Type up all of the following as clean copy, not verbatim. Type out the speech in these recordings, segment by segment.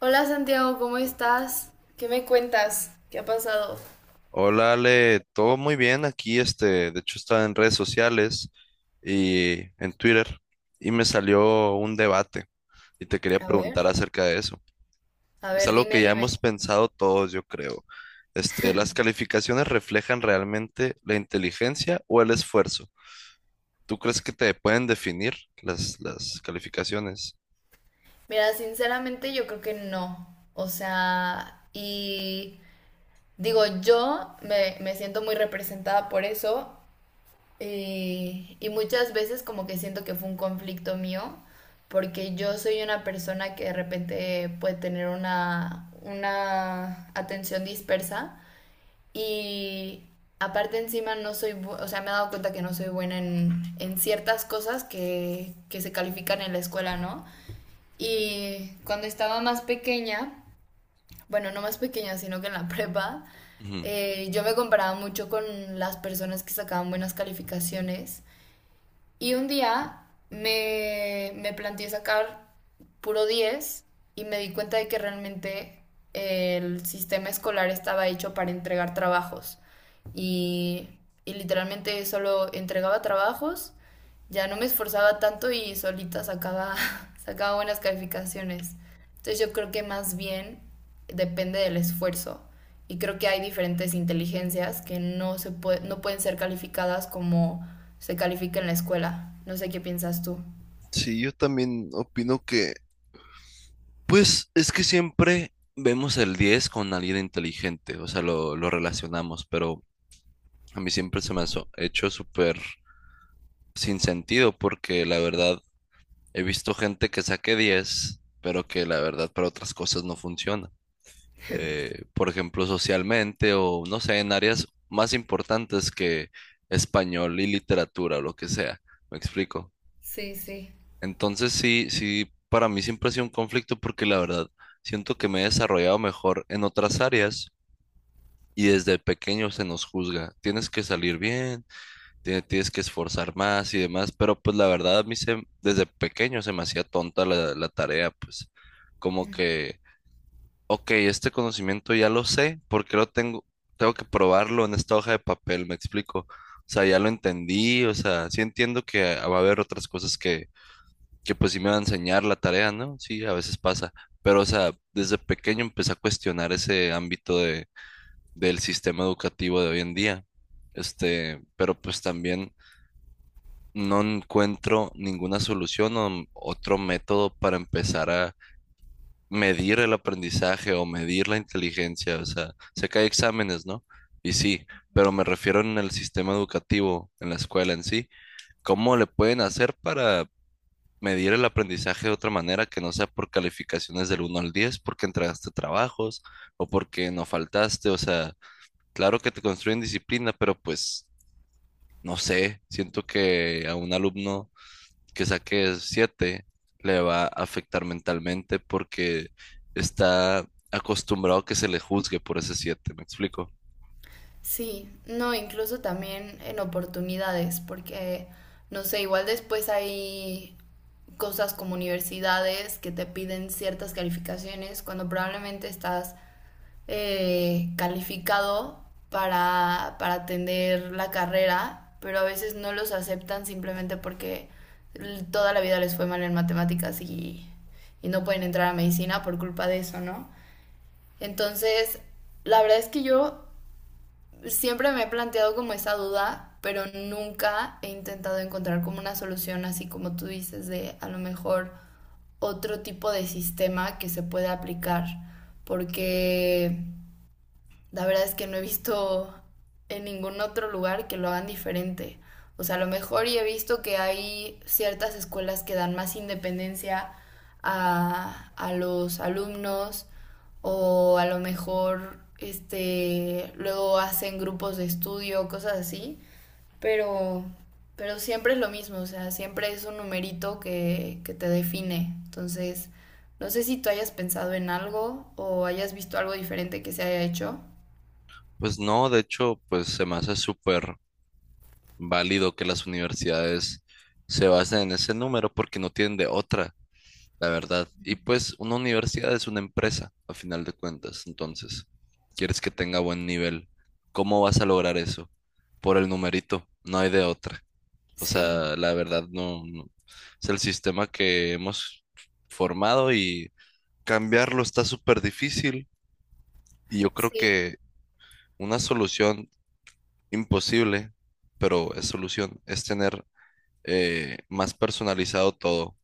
Hola Santiago, ¿cómo estás? ¿Qué me cuentas? ¿Qué ha pasado? Hola Ale, todo muy bien aquí, de hecho estaba en redes sociales y en Twitter y me salió un debate y te quería A preguntar ver, acerca de eso. a Es ver, algo dime, que ya hemos dime. pensado todos, yo creo. ¿Las calificaciones reflejan realmente la inteligencia o el esfuerzo? ¿Tú crees que te pueden definir las calificaciones? Mira, sinceramente yo creo que no. O sea, y digo, yo me siento muy representada por eso y muchas veces como que siento que fue un conflicto mío porque yo soy una persona que de repente puede tener una atención dispersa. Y aparte encima no soy, o sea, me he dado cuenta que no soy buena en ciertas cosas que se califican en la escuela, ¿no? Y cuando estaba más pequeña, bueno, no más pequeña, sino que en la prepa, Ujú. Yo me comparaba mucho con las personas que sacaban buenas calificaciones y un día me planteé sacar puro 10 y me di cuenta de que realmente el sistema escolar estaba hecho para entregar trabajos. Y, y literalmente solo entregaba trabajos, ya no me esforzaba tanto y solita sacaba, sacaba buenas calificaciones. Entonces yo creo que más bien depende del esfuerzo y creo que hay diferentes inteligencias que no, no pueden ser calificadas como se califica en la escuela. No sé qué piensas tú. Sí, yo también opino que, pues es que siempre vemos el 10 con alguien inteligente, o sea, lo relacionamos, pero a mí siempre se me ha hecho súper sin sentido porque la verdad he visto gente que saque 10 pero que la verdad para otras cosas no funciona. Por ejemplo, socialmente o no sé, en áreas más importantes que español y literatura o lo que sea. ¿Me explico? Sí, sí. Entonces sí, sí, para mí siempre ha sido un conflicto porque la verdad siento que me he desarrollado mejor en otras áreas y desde pequeño se nos juzga. Tienes que salir bien, tienes que esforzar más y demás, pero pues la verdad a mí desde pequeño se me hacía tonta la tarea, pues como que, ok, este conocimiento ya lo sé, ¿porque lo tengo? Tengo que probarlo en esta hoja de papel, me explico. O sea, ya lo entendí, o sea, sí entiendo que va a haber otras cosas que pues sí me va a enseñar la tarea, ¿no? Sí, a veces pasa. Pero, o sea, desde pequeño empecé a cuestionar ese ámbito del sistema educativo de hoy en día. Pero pues también no encuentro ninguna solución o otro método para empezar a medir el aprendizaje o medir la inteligencia. O sea, sé que hay exámenes, ¿no? Y sí, pero me refiero en el sistema educativo, en la escuela en sí. ¿Cómo le pueden hacer para medir el aprendizaje de otra manera que no sea por calificaciones del 1 al 10 porque entregaste trabajos o porque no faltaste? O sea, claro que te construyen disciplina, pero pues no sé, siento que a un alumno que saque 7 le va a afectar mentalmente porque está acostumbrado a que se le juzgue por ese 7, ¿me explico? Sí, no, incluso también en oportunidades, porque, no sé, igual después hay cosas como universidades que te piden ciertas calificaciones cuando probablemente estás calificado para atender la carrera, pero a veces no los aceptan simplemente porque toda la vida les fue mal en matemáticas y no pueden entrar a medicina por culpa de eso, ¿no? Entonces, la verdad es que yo siempre me he planteado como esa duda, pero nunca he intentado encontrar como una solución, así como tú dices, de a lo mejor otro tipo de sistema que se pueda aplicar, porque la verdad es que no he visto en ningún otro lugar que lo hagan diferente. O sea, a lo mejor y he visto que hay ciertas escuelas que dan más independencia a los alumnos o a lo mejor este luego hacen grupos de estudio, cosas así, pero pero siempre es lo mismo, o sea, siempre es un numerito que te define. Entonces, no sé si tú hayas pensado en algo o hayas visto algo diferente que se haya hecho. Pues no, de hecho, pues se me hace súper válido que las universidades se basen en ese número porque no tienen de otra, la verdad. Y pues una universidad es una empresa, a final de cuentas. Entonces, quieres que tenga buen nivel. ¿Cómo vas a lograr eso? Por el numerito, no hay de otra. O Sí, sea, la verdad es el sistema que hemos formado y cambiarlo está súper difícil. Y yo creo sí. que una solución imposible, pero es solución, es tener más personalizado todo.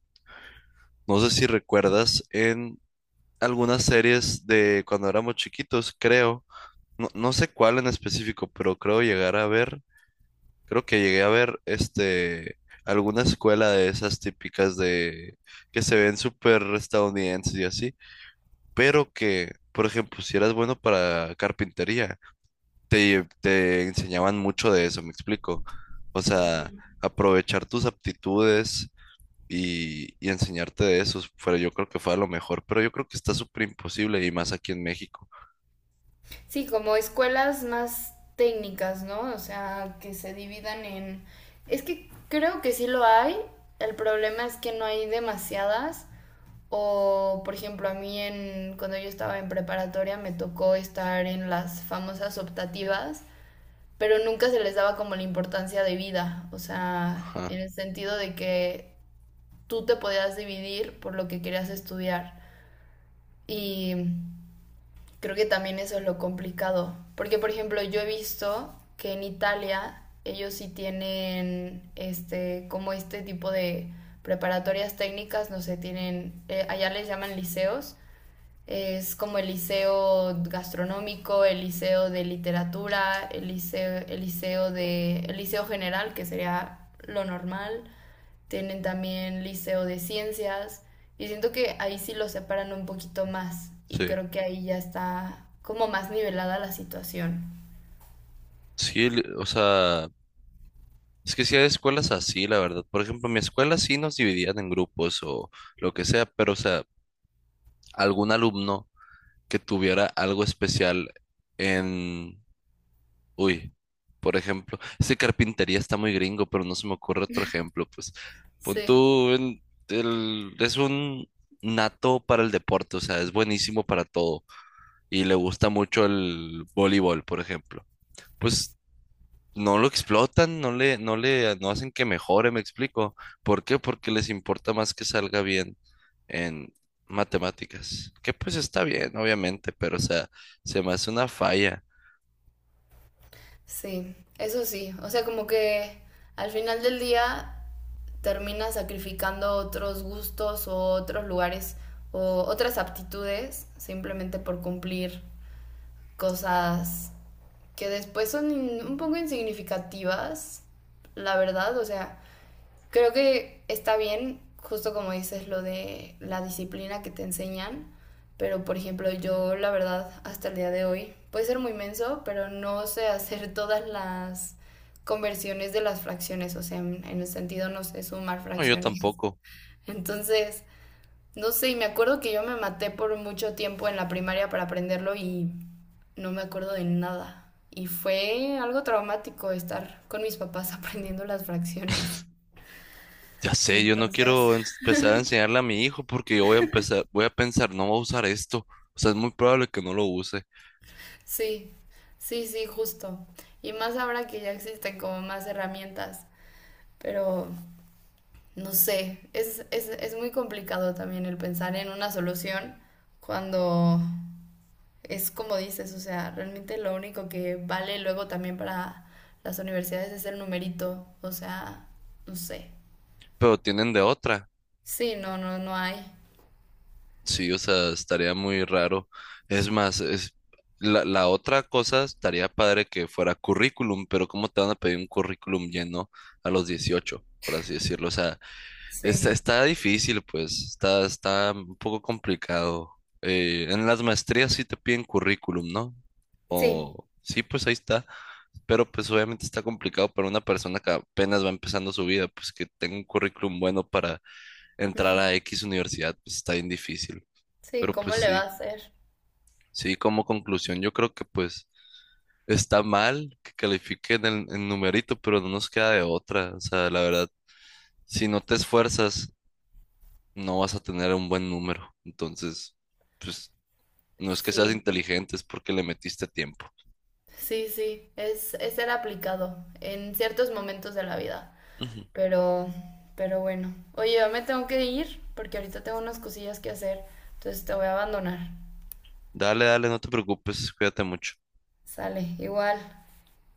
No sé si recuerdas en algunas series de cuando éramos chiquitos, creo. No, no sé cuál en específico, pero creo llegar a ver, creo que llegué a ver alguna escuela de esas típicas de que se ven súper estadounidenses y así, pero que, por ejemplo, si eras bueno para carpintería, te enseñaban mucho de eso, me explico. O sea, Ujú. aprovechar tus aptitudes y enseñarte de eso, yo creo que fue a lo mejor, pero yo creo que está súper imposible y más aquí en México. Sí, como escuelas más técnicas, ¿no? O sea, que se dividan en... Es que creo que sí lo hay. El problema es que no hay demasiadas. O, por ejemplo, a mí en, cuando yo estaba en preparatoria me tocó estar en las famosas optativas, pero nunca se les daba como la importancia de vida. O sea, Ajá, en el sentido de que tú te podías dividir por lo que querías estudiar. Y creo que también eso es lo complicado. Porque, por ejemplo, yo he visto que en Italia ellos sí tienen este, como este tipo de preparatorias técnicas, no sé, tienen, allá les llaman liceos. Es como el liceo gastronómico, el liceo de literatura, el liceo de, el liceo general, que sería lo normal, tienen también liceo de ciencias y siento que ahí sí lo separan un poquito más y sí. creo que ahí ya está como más nivelada la situación. Sí, o sea, es que sí hay escuelas así, la verdad. Por ejemplo, en mi escuela sí nos dividían en grupos o lo que sea, pero o sea, algún alumno que tuviera algo especial en... Uy, por ejemplo, carpintería está muy gringo, pero no se me ocurre otro ejemplo. Pues pon Sí, tú, en el... es un nato para el deporte, o sea, es buenísimo para todo y le gusta mucho el voleibol, por ejemplo. Pues no lo explotan, no hacen que mejore, me explico. ¿Por qué? Porque les importa más que salga bien en matemáticas. Que pues está bien, obviamente, pero o sea, se me hace una falla. sí, eso sí. O sea, como que al final del día terminas sacrificando otros gustos o otros lugares o otras aptitudes simplemente por cumplir cosas que después son un poco insignificativas, la verdad. O sea, creo que está bien, justo como dices, lo de la disciplina que te enseñan, pero por ejemplo yo la verdad hasta el día de hoy, puede ser muy menso, pero no sé hacer todas las conversiones de las fracciones, o sea, en el sentido no sé sumar No, yo fracciones. tampoco. Entonces, no sé, y me acuerdo que yo me maté por mucho tiempo en la primaria para aprenderlo y no me acuerdo de nada. Y fue algo traumático estar con mis papás aprendiendo las fracciones. Ya sé, yo no Entonces, quiero empezar a enseñarle a mi hijo porque yo voy a empezar, voy a pensar, no voy a usar esto. O sea, es muy probable que no lo use, sí, sí, sí, justo. Y más ahora que ya existen como más herramientas, pero no sé, es, es muy complicado también el pensar en una solución cuando es como dices, o sea, realmente lo único que vale luego también para las universidades es el numerito, o sea, no sé. pero tienen de otra. Sí, no, no, no hay. Sí, o sea, estaría muy raro. Es más, es la otra cosa estaría padre que fuera currículum, pero ¿cómo te van a pedir un currículum lleno a los 18, por así decirlo? O sea, está, Sí, está difícil, pues, está un poco complicado. En las maestrías sí te piden currículum, ¿no? sí. O sí, pues ahí está. Pero pues obviamente está complicado para una persona que apenas va empezando su vida, pues que tenga un currículum bueno para entrar a Ujú. X universidad, pues está bien difícil. Sí, Pero ¿cómo pues le va sí, a hacer? sí, como conclusión, yo creo que pues está mal que califiquen el numerito, pero no nos queda de otra. O sea, la verdad, si no te esfuerzas, no vas a tener un buen número. Entonces, pues no es que seas Sí, inteligente, es porque le metiste tiempo. sí, sí, es, ser aplicado en ciertos momentos de la vida. Ujú. Pero, pero bueno. Oye, yo me tengo que ir porque ahorita tengo unas cosillas que hacer. Entonces te voy a abandonar. Dale, dale, no te preocupes, cuídate mucho. Sale, igual.